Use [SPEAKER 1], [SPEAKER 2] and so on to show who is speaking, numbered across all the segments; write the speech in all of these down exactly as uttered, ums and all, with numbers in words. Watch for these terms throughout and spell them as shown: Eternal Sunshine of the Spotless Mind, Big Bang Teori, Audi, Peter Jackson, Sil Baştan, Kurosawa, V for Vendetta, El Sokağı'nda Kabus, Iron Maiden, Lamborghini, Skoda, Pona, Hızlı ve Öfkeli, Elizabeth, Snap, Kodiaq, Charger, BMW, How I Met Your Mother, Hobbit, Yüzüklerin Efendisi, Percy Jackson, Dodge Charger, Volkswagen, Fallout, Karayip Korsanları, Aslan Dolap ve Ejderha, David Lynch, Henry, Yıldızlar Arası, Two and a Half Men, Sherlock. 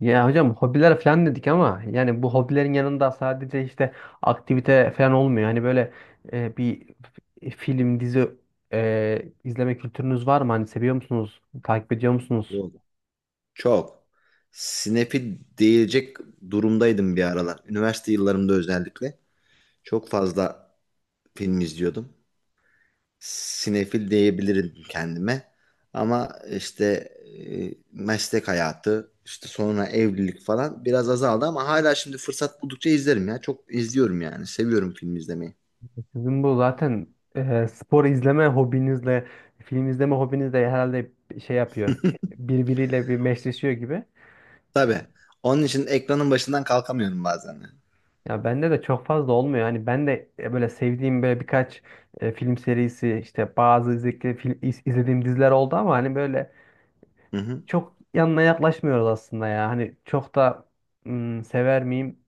[SPEAKER 1] Ya hocam, hobiler falan dedik ama yani bu hobilerin yanında sadece işte aktivite falan olmuyor. Hani böyle e, bir f- film, dizi e, izleme kültürünüz var mı? Hani seviyor musunuz? Takip ediyor musunuz?
[SPEAKER 2] Yok. Çok. Snap'i diyecek durumdaydım bir aralar. Üniversite yıllarımda özellikle. Çok fazla film izliyordum. Sinefil diyebilirim kendime. Ama işte e, meslek hayatı, işte sonra evlilik falan biraz azaldı ama hala şimdi fırsat buldukça izlerim ya. Çok izliyorum yani. Seviyorum film izlemeyi.
[SPEAKER 1] Sizin bu zaten e, spor izleme hobinizle, film izleme hobinizle herhalde şey yapıyor. Birbiriyle bir meşleşiyor gibi.
[SPEAKER 2] Tabii. Onun için ekranın başından kalkamıyorum bazen, yani.
[SPEAKER 1] Ya bende de çok fazla olmuyor. Hani ben de e, böyle sevdiğim böyle birkaç e, film serisi işte bazı izlediğim, izlediğim diziler oldu ama hani böyle
[SPEAKER 2] Hı hı.
[SPEAKER 1] çok yanına yaklaşmıyoruz aslında ya. Hani çok da ım, sever miyim?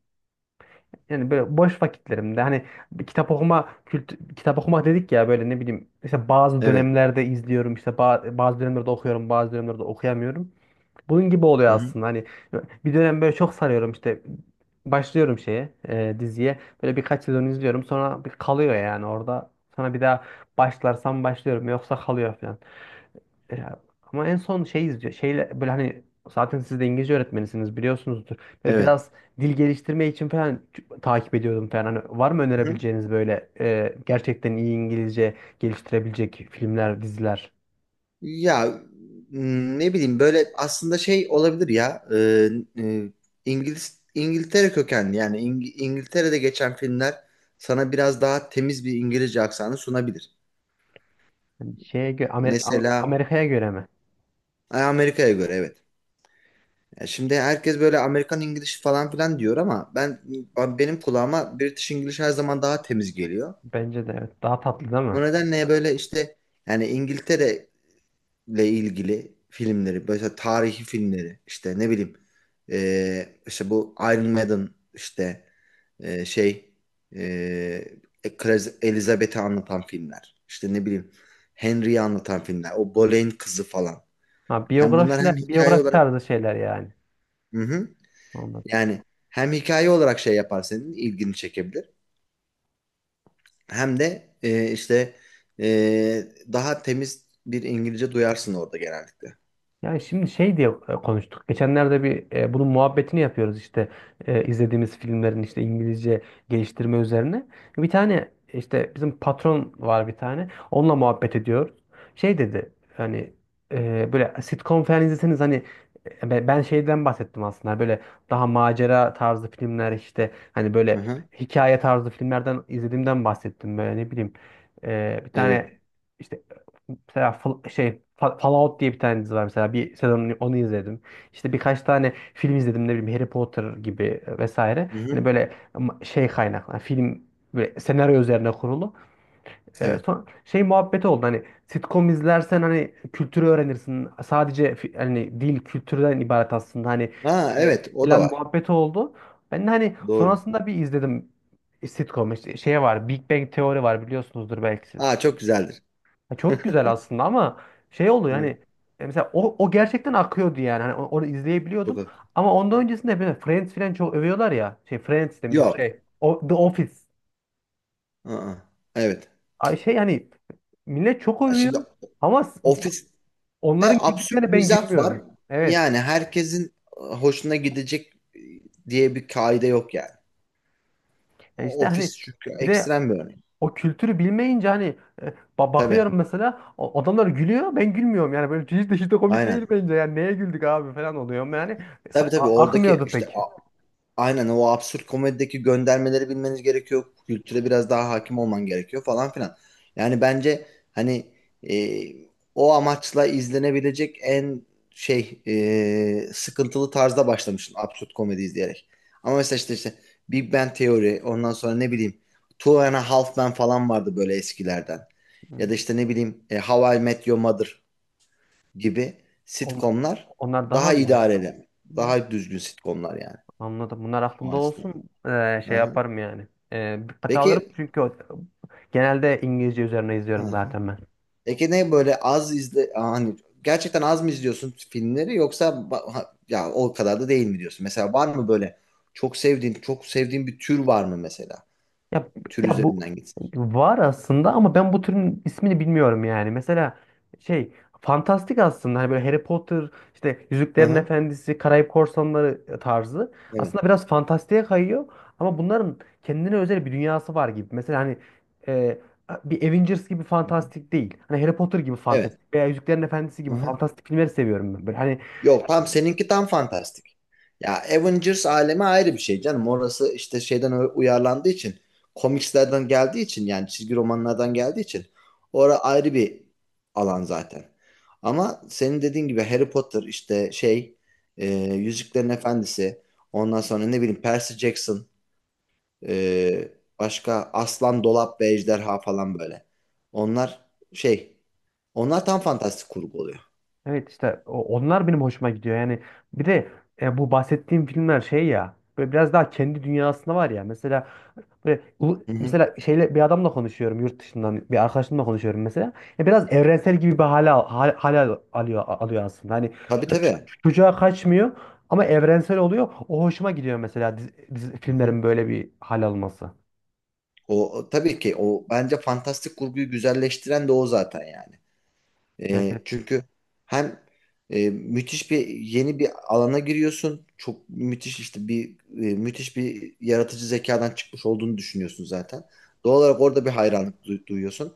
[SPEAKER 1] Yani böyle boş vakitlerimde hani bir kitap okuma kültü, kitap okumak dedik ya böyle ne bileyim işte bazı
[SPEAKER 2] Evet.
[SPEAKER 1] dönemlerde izliyorum işte ba- bazı dönemlerde okuyorum bazı dönemlerde okuyamıyorum. Bunun gibi oluyor
[SPEAKER 2] Hı hı.
[SPEAKER 1] aslında hani bir dönem böyle çok sarıyorum işte başlıyorum şeye e, diziye böyle birkaç sezon izliyorum sonra bir kalıyor yani orada sonra bir daha başlarsam başlıyorum yoksa kalıyor falan. E, ama en son şey izliyor. Şeyle böyle hani zaten siz de İngilizce öğretmenisiniz biliyorsunuzdur. Ve
[SPEAKER 2] Evet.
[SPEAKER 1] biraz dil geliştirme için falan ç- takip ediyordum falan. Hani var mı
[SPEAKER 2] Hı hı.
[SPEAKER 1] önerebileceğiniz böyle e, gerçekten iyi İngilizce geliştirebilecek filmler, diziler?
[SPEAKER 2] Ya m, ne bileyim böyle aslında şey olabilir ya e, e, İngiliz İngiltere kökenli yani İng- İngiltere'de geçen filmler sana biraz daha temiz bir İngilizce aksanı sunabilir.
[SPEAKER 1] Hani şeye gö- Amer- A-
[SPEAKER 2] Mesela
[SPEAKER 1] Amerika'ya göre mi?
[SPEAKER 2] e, Amerika'ya göre, evet. Ya şimdi herkes böyle Amerikan İngiliz falan filan diyor ama ben benim kulağıma British İngiliz her zaman daha temiz geliyor.
[SPEAKER 1] Bence de evet. Daha tatlı değil mi?
[SPEAKER 2] O nedenle böyle işte yani İngiltere ilgili filmleri, mesela tarihi filmleri, işte ne bileyim, e, işte bu Iron Maiden, işte e, şey, e, Kraliz- Elizabeth'i anlatan filmler, işte ne bileyim, Henry'i anlatan filmler, o Boleyn kızı falan.
[SPEAKER 1] Ha,
[SPEAKER 2] Hem bunlar
[SPEAKER 1] biyografiler,
[SPEAKER 2] hem hikaye
[SPEAKER 1] biyografi
[SPEAKER 2] olarak,
[SPEAKER 1] tarzı şeyler yani.
[SPEAKER 2] hı hı, yani hem hikaye olarak şey yapar, senin ilgini çekebilir, hem de e, işte e, daha temiz bir İngilizce duyarsın orada genellikle.
[SPEAKER 1] Yani şimdi şey diye e, konuştuk. Geçenlerde bir e, bunun muhabbetini yapıyoruz işte e, izlediğimiz filmlerin işte İngilizce geliştirme üzerine. Bir tane işte bizim patron var bir tane. Onunla muhabbet ediyoruz. Şey dedi hani e, böyle sitcom falan izleseniz hani e, be- ben şeyden bahsettim aslında böyle daha macera tarzı filmler işte hani
[SPEAKER 2] Hı
[SPEAKER 1] böyle
[SPEAKER 2] hı,
[SPEAKER 1] hikaye tarzı filmlerden izlediğimden bahsettim böyle ne bileyim. E, bir
[SPEAKER 2] evet.
[SPEAKER 1] tane işte mesela Fal- şey Fa- Fallout diye bir tane dizi var mesela bir sezon onu izledim. İşte birkaç tane film izledim, ne bileyim, Harry Potter gibi e, vesaire.
[SPEAKER 2] Hı
[SPEAKER 1] Yani
[SPEAKER 2] hı,
[SPEAKER 1] böyle ama şey kaynaklı yani film böyle senaryo üzerine kurulu. E,
[SPEAKER 2] evet.
[SPEAKER 1] son şey muhabbeti oldu hani sitcom izlersen hani kültürü öğrenirsin. Sadece fi- hani dil kültürden ibaret aslında hani
[SPEAKER 2] Ha
[SPEAKER 1] e,
[SPEAKER 2] evet, o da
[SPEAKER 1] falan
[SPEAKER 2] var.
[SPEAKER 1] muhabbeti oldu. Ben de hani
[SPEAKER 2] Doğru.
[SPEAKER 1] sonrasında bir izledim sitcom işte şey var, Big Bang Teori var, biliyorsunuzdur belki siz.
[SPEAKER 2] Aa, çok güzeldir.
[SPEAKER 1] Ya çok güzel aslında ama şey oldu yani
[SPEAKER 2] Evet.
[SPEAKER 1] e, mesela o, o gerçekten akıyordu yani hani o- onu
[SPEAKER 2] Çok
[SPEAKER 1] izleyebiliyordum
[SPEAKER 2] haklı.
[SPEAKER 1] ama ondan öncesinde hep böyle Friends falan çok övüyorlar ya, şey Friends demişim,
[SPEAKER 2] Yok.
[SPEAKER 1] şey o, The Office.
[SPEAKER 2] Aa, evet.
[SPEAKER 1] Ay şey yani millet çok
[SPEAKER 2] Ya
[SPEAKER 1] övüyor
[SPEAKER 2] şimdi
[SPEAKER 1] ama s-
[SPEAKER 2] ofiste
[SPEAKER 1] onların güldüklerine
[SPEAKER 2] absürt
[SPEAKER 1] ben
[SPEAKER 2] mizah var.
[SPEAKER 1] gülmüyorum, evet.
[SPEAKER 2] Yani herkesin hoşuna gidecek diye bir kaide yok yani.
[SPEAKER 1] Yani işte hani
[SPEAKER 2] Ofis çünkü
[SPEAKER 1] bir de
[SPEAKER 2] ekstrem bir örnek.
[SPEAKER 1] o kültürü bilmeyince hani e, ba-
[SPEAKER 2] Tabii.
[SPEAKER 1] bakıyorum mesela o- adamlar gülüyor, ben gülmüyorum, yani böyle hiç de hiç de komik değil
[SPEAKER 2] Aynen.
[SPEAKER 1] bence, yani neye güldük abi falan oluyorum yani. e,
[SPEAKER 2] Tabii
[SPEAKER 1] Sa-
[SPEAKER 2] tabii,
[SPEAKER 1] a-
[SPEAKER 2] oradaki
[SPEAKER 1] akmıyordu
[SPEAKER 2] işte
[SPEAKER 1] pek.
[SPEAKER 2] aynen o absürt komedideki göndermeleri bilmeniz gerekiyor. Kültüre biraz daha hakim olman gerekiyor falan filan. Yani bence hani e, o amaçla izlenebilecek en şey, e, sıkıntılı tarzda başlamıştım absürt komedi izleyerek. Ama mesela işte, işte Big Bang Theory, ondan sonra ne bileyim Two and a Half Men falan vardı böyle eskilerden. Ya da
[SPEAKER 1] Hmm.
[SPEAKER 2] işte ne bileyim e, How I Met Your Mother gibi
[SPEAKER 1] Onlar,
[SPEAKER 2] sitcomlar
[SPEAKER 1] onlar daha
[SPEAKER 2] daha
[SPEAKER 1] mı iyi?
[SPEAKER 2] idareli.
[SPEAKER 1] Hmm.
[SPEAKER 2] Daha düzgün sitcomlar yani.
[SPEAKER 1] Anladım. Bunlar
[SPEAKER 2] O
[SPEAKER 1] aklımda
[SPEAKER 2] açıdan.
[SPEAKER 1] olsun. Ee,
[SPEAKER 2] Hı
[SPEAKER 1] şey
[SPEAKER 2] hı.
[SPEAKER 1] yaparım yani. Ee, dikkate alırım
[SPEAKER 2] Peki
[SPEAKER 1] çünkü o- genelde İngilizce üzerine izliyorum
[SPEAKER 2] ha.
[SPEAKER 1] zaten ben.
[SPEAKER 2] Peki ne böyle az izle hani gerçekten az mı izliyorsun filmleri yoksa ba- ha- ya o kadar da değil mi diyorsun? Mesela var mı böyle çok sevdiğin çok sevdiğin bir tür var mı mesela?
[SPEAKER 1] Ya,
[SPEAKER 2] Tür
[SPEAKER 1] ya bu
[SPEAKER 2] üzerinden gitsin.
[SPEAKER 1] var aslında ama ben bu türün ismini bilmiyorum yani. Mesela şey fantastik aslında hani böyle Harry Potter, işte
[SPEAKER 2] Hı
[SPEAKER 1] Yüzüklerin
[SPEAKER 2] hı.
[SPEAKER 1] Efendisi, Karayip Korsanları tarzı.
[SPEAKER 2] Evet.
[SPEAKER 1] Aslında biraz fantastiğe kayıyor ama bunların kendine özel bir dünyası var gibi. Mesela hani e, bir Avengers gibi
[SPEAKER 2] Hı hı.
[SPEAKER 1] fantastik değil. Hani Harry Potter gibi
[SPEAKER 2] Evet.
[SPEAKER 1] fantastik veya Yüzüklerin Efendisi
[SPEAKER 2] Hı
[SPEAKER 1] gibi
[SPEAKER 2] hı.
[SPEAKER 1] fantastik filmleri seviyorum ben. Böyle hani.
[SPEAKER 2] Yok, tam seninki tam fantastik. Ya Avengers alemi ayrı bir şey canım. Orası işte şeyden u- uyarlandığı için, komikslerden geldiği için, yani çizgi romanlardan geldiği için orası ayrı bir alan zaten. Ama senin dediğin gibi Harry Potter, işte şey, e, Yüzüklerin Efendisi, ondan sonra ne bileyim Percy Jackson, e, başka Aslan Dolap ve Ejderha falan böyle. Onlar şey onlar tam fantastik kurgu oluyor.
[SPEAKER 1] Evet, işte o- onlar benim hoşuma gidiyor. Yani bir de e, bu bahsettiğim filmler şey ya böyle biraz daha kendi dünyasında var ya. Mesela böyle ulu-
[SPEAKER 2] Hı hı.
[SPEAKER 1] mesela şeyle bir adamla konuşuyorum, yurt dışından bir arkadaşımla konuşuyorum mesela. Ya biraz evrensel gibi bir hale al- hal- hale al- alıyor alıyor aslında. Hani
[SPEAKER 2] Tabii
[SPEAKER 1] ç-
[SPEAKER 2] tabii.
[SPEAKER 1] çocuğa kaçmıyor ama evrensel oluyor. O hoşuma gidiyor mesela dizi, dizi-
[SPEAKER 2] Hı hı.
[SPEAKER 1] filmlerin böyle bir hal alması.
[SPEAKER 2] O, o tabii ki o bence fantastik kurguyu güzelleştiren de o zaten yani. E,
[SPEAKER 1] Evet.
[SPEAKER 2] çünkü hem e, müthiş bir yeni bir alana giriyorsun. Çok müthiş işte bir e, müthiş bir yaratıcı zekadan çıkmış olduğunu düşünüyorsun zaten. Doğal olarak orada bir hayranlık du- duyuyorsun.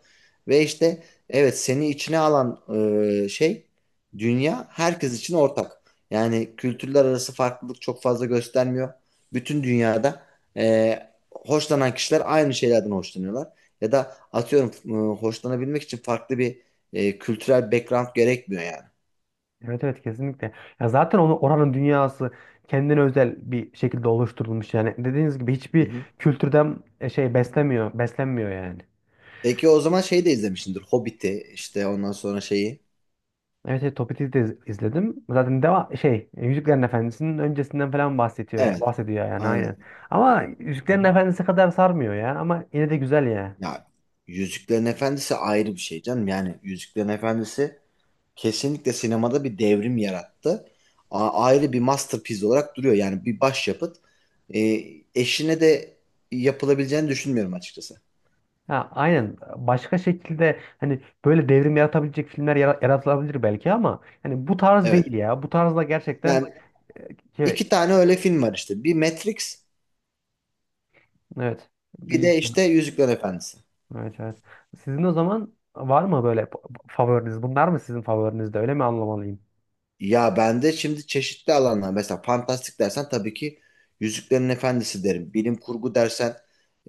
[SPEAKER 2] Ve işte evet, seni içine alan e, şey dünya herkes için ortak. Yani kültürler arası farklılık çok fazla göstermiyor. Bütün dünyada e, hoşlanan kişiler aynı şeylerden hoşlanıyorlar. Ya da atıyorum, e, hoşlanabilmek için farklı bir e, kültürel background gerekmiyor yani.
[SPEAKER 1] Evet, evet, kesinlikle. Ya zaten onu, oranın dünyası kendine özel bir şekilde oluşturulmuş yani. Dediğiniz gibi
[SPEAKER 2] Hı
[SPEAKER 1] hiçbir
[SPEAKER 2] hı.
[SPEAKER 1] kültürden e, şey beslemiyor, beslenmiyor yani.
[SPEAKER 2] Peki o zaman şeyi de izlemişsindir. Hobbit'i, işte ondan sonra şeyi.
[SPEAKER 1] Evet, evet, Topik'i de iz- izledim. Zaten deva şey e, Yüzüklerin Efendisi'nin öncesinden falan bahsediyor ya,
[SPEAKER 2] Evet.
[SPEAKER 1] bahsediyor yani, aynen.
[SPEAKER 2] Aynen.
[SPEAKER 1] Ama
[SPEAKER 2] Hı hı.
[SPEAKER 1] Yüzüklerin Efendisi kadar sarmıyor ya ama yine de güzel ya.
[SPEAKER 2] Ya Yüzüklerin Efendisi ayrı bir şey canım. Yani Yüzüklerin Efendisi kesinlikle sinemada bir devrim yarattı. A- ayrı bir masterpiece olarak duruyor. Yani bir başyapıt. E, Eşine de yapılabileceğini düşünmüyorum açıkçası.
[SPEAKER 1] Ha, aynen başka şekilde hani böyle devrim yaratabilecek filmler yara- yaratılabilir belki ama hani bu tarz değil
[SPEAKER 2] Evet.
[SPEAKER 1] ya. Bu tarzda gerçekten
[SPEAKER 2] Yani
[SPEAKER 1] şey,
[SPEAKER 2] iki tane öyle film var işte. Bir Matrix,
[SPEAKER 1] evet
[SPEAKER 2] bir
[SPEAKER 1] bir.
[SPEAKER 2] de işte Yüzüklerin Efendisi.
[SPEAKER 1] Evet, evet. Sizin o zaman var mı böyle p- favoriniz? Bunlar mı sizin favoriniz de, öyle mi anlamalıyım?
[SPEAKER 2] Ya ben de şimdi çeşitli alanlar, mesela fantastik dersen tabii ki Yüzüklerin Efendisi derim. Bilim kurgu dersen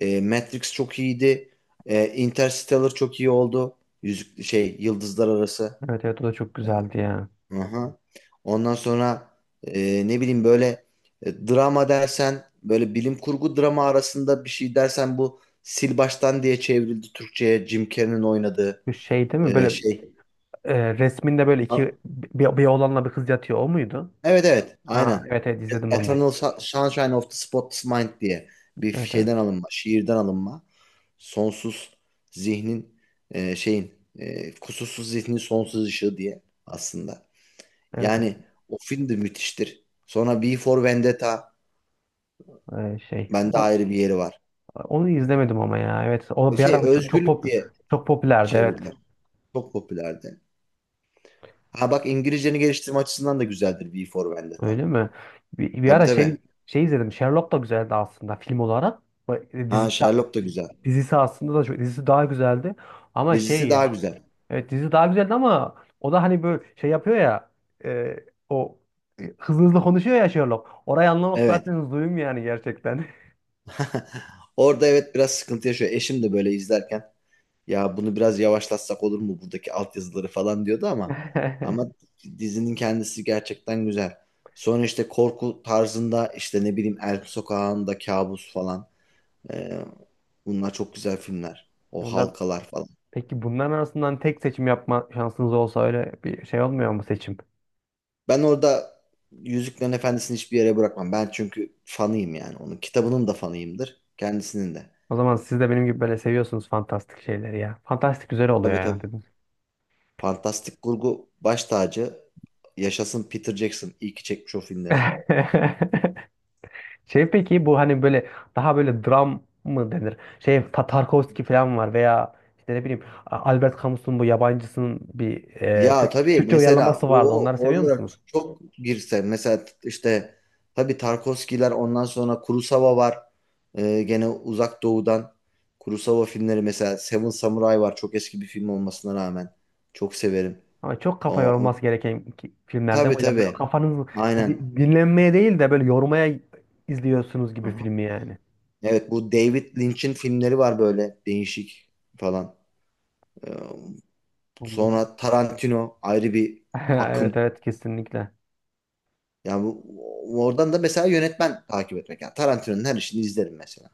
[SPEAKER 2] e, Matrix çok iyiydi. E, Interstellar çok iyi oldu. Yüzük şey Yıldızlar Arası.
[SPEAKER 1] Evet, evet, o da çok güzeldi ya.
[SPEAKER 2] Hı. Ondan sonra e, ne bileyim böyle, e, drama dersen böyle bilim kurgu drama arasında bir şey dersen, bu Sil Baştan diye çevrildi Türkçe'ye, Jim Carrey'nin oynadığı
[SPEAKER 1] Bu şey değil mi,
[SPEAKER 2] e,
[SPEAKER 1] böyle
[SPEAKER 2] şey.
[SPEAKER 1] e, resminde böyle
[SPEAKER 2] A-
[SPEAKER 1] iki bir, bir oğlanla bir kız yatıyor, o muydu?
[SPEAKER 2] Evet, evet
[SPEAKER 1] Ha,
[SPEAKER 2] aynen.
[SPEAKER 1] evet, evet, izledim onu da.
[SPEAKER 2] Eternal Su- Sunshine of the Spotless Mind diye bir
[SPEAKER 1] Evet, evet.
[SPEAKER 2] şeyden alınma, şiirden alınma. Sonsuz zihnin, e, şeyin e, kusursuz zihnin sonsuz ışığı diye aslında.
[SPEAKER 1] Evet, evet.
[SPEAKER 2] Yani o film de müthiştir. Sonra V for Vendetta
[SPEAKER 1] Ee, şey
[SPEAKER 2] bende
[SPEAKER 1] o,
[SPEAKER 2] ayrı bir yeri var.
[SPEAKER 1] onu izlemedim ama ya. Evet, o bir
[SPEAKER 2] Şey
[SPEAKER 1] ara çok çok
[SPEAKER 2] özgürlük
[SPEAKER 1] pop
[SPEAKER 2] diye
[SPEAKER 1] çok popülerdi, evet.
[SPEAKER 2] çevirdiler. Çok popülerdi. Ha bak, İngilizceni geliştirme açısından da güzeldir V for Vendetta.
[SPEAKER 1] Öyle mi? Bir, bir
[SPEAKER 2] Tabii
[SPEAKER 1] ara şey
[SPEAKER 2] tabii.
[SPEAKER 1] şey izledim. Sherlock da güzeldi aslında film olarak. Bu-
[SPEAKER 2] Ha,
[SPEAKER 1] Dizi,
[SPEAKER 2] Sherlock da güzel.
[SPEAKER 1] dizisi aslında da çok, dizisi daha güzeldi. Ama
[SPEAKER 2] Dizisi
[SPEAKER 1] şey,
[SPEAKER 2] daha güzel.
[SPEAKER 1] evet dizi daha güzeldi ama o da hani böyle şey yapıyor ya e, o e, hızlı hızlı konuşuyor ya, Sherlock. Orayı anlamak
[SPEAKER 2] Evet.
[SPEAKER 1] zaten zulüm yani gerçekten.
[SPEAKER 2] Orada evet, biraz sıkıntı yaşıyor. Eşim de böyle izlerken, ya bunu biraz yavaşlatsak olur mu, buradaki altyazıları falan diyordu ama ama dizinin kendisi gerçekten güzel. Sonra işte korku tarzında işte ne bileyim El Sokağı'nda Kabus falan. Ee, bunlar çok güzel filmler. O
[SPEAKER 1] Bundan
[SPEAKER 2] halkalar falan.
[SPEAKER 1] peki bunların arasından tek seçim yapma şansınız olsa, öyle bir şey olmuyor mu seçim?
[SPEAKER 2] Ben orada Yüzüklerin Efendisi'ni hiçbir yere bırakmam. Ben çünkü fanıyım yani onun. Kitabının da fanıyımdır. Kendisinin de.
[SPEAKER 1] O zaman siz de benim gibi böyle seviyorsunuz fantastik şeyleri ya. Fantastik güzel oluyor
[SPEAKER 2] Tabii
[SPEAKER 1] ya,
[SPEAKER 2] tabii.
[SPEAKER 1] dedim.
[SPEAKER 2] Fantastik kurgu baş tacı. Yaşasın Peter Jackson. İyi ki çekmiş o filmleri.
[SPEAKER 1] Şey peki bu hani böyle daha böyle dram mı denir? Şey Ta- Tarkovski falan var veya işte ne bileyim A- Albert Camus'un bu yabancısının bir e,
[SPEAKER 2] Ya
[SPEAKER 1] Türk-
[SPEAKER 2] tabii
[SPEAKER 1] Türkçe
[SPEAKER 2] mesela
[SPEAKER 1] uyarlaması vardı.
[SPEAKER 2] o,
[SPEAKER 1] Onları seviyor
[SPEAKER 2] orada
[SPEAKER 1] musunuz?
[SPEAKER 2] çok girsen mesela işte tabii Tarkovskiler, ondan sonra Kurosawa var. Ee, gene Uzak Doğu'dan Kurosawa filmleri, mesela Seven Samurai var. Çok eski bir film olmasına rağmen çok severim.
[SPEAKER 1] Ama çok
[SPEAKER 2] O,
[SPEAKER 1] kafa
[SPEAKER 2] o-
[SPEAKER 1] yorulması gereken ki- filmlerden
[SPEAKER 2] tabii
[SPEAKER 1] hocam, böyle
[SPEAKER 2] tabii.
[SPEAKER 1] kafanız e,
[SPEAKER 2] Aynen.
[SPEAKER 1] di- dinlenmeye değil de böyle yormaya izliyorsunuz gibi
[SPEAKER 2] Aha.
[SPEAKER 1] filmi yani.
[SPEAKER 2] Evet, bu David Lynch'in filmleri var böyle değişik falan. Ee,
[SPEAKER 1] Anladım.
[SPEAKER 2] Sonra Tarantino ayrı bir
[SPEAKER 1] Evet,
[SPEAKER 2] akım.
[SPEAKER 1] evet, kesinlikle.
[SPEAKER 2] Yani bu- oradan da mesela yönetmen takip etmek. Yani Tarantino'nun her işini izlerim mesela.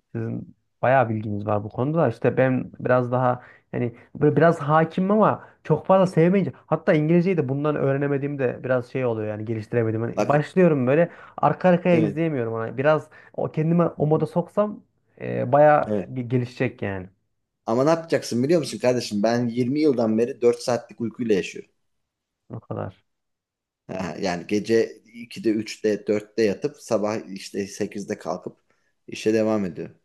[SPEAKER 1] Sizin bayağı bilginiz var bu konuda da işte, ben biraz daha hani böyle biraz hakimim ama çok fazla sevmeyince, hatta İngilizceyi de bundan öğrenemediğimde biraz şey oluyor yani, geliştiremedim. Hani
[SPEAKER 2] Bak
[SPEAKER 1] başlıyorum böyle, arka arkaya
[SPEAKER 2] evet.
[SPEAKER 1] izleyemiyorum ona. Biraz o kendime
[SPEAKER 2] Hı
[SPEAKER 1] o moda
[SPEAKER 2] hı.
[SPEAKER 1] soksam, e, bayağı
[SPEAKER 2] Evet.
[SPEAKER 1] ge- gelişecek yani.
[SPEAKER 2] Ama ne yapacaksın biliyor musun kardeşim? Ben yirmi yıldan beri dört saatlik uykuyla yaşıyorum.
[SPEAKER 1] O kadar.
[SPEAKER 2] Ha, yani gece ikide, üçte, dörtte yatıp sabah işte sekizde kalkıp işe devam ediyorum.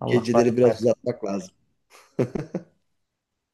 [SPEAKER 1] Allah
[SPEAKER 2] Geceleri
[SPEAKER 1] kolaylık
[SPEAKER 2] biraz
[SPEAKER 1] versin.
[SPEAKER 2] uzatmak lazım.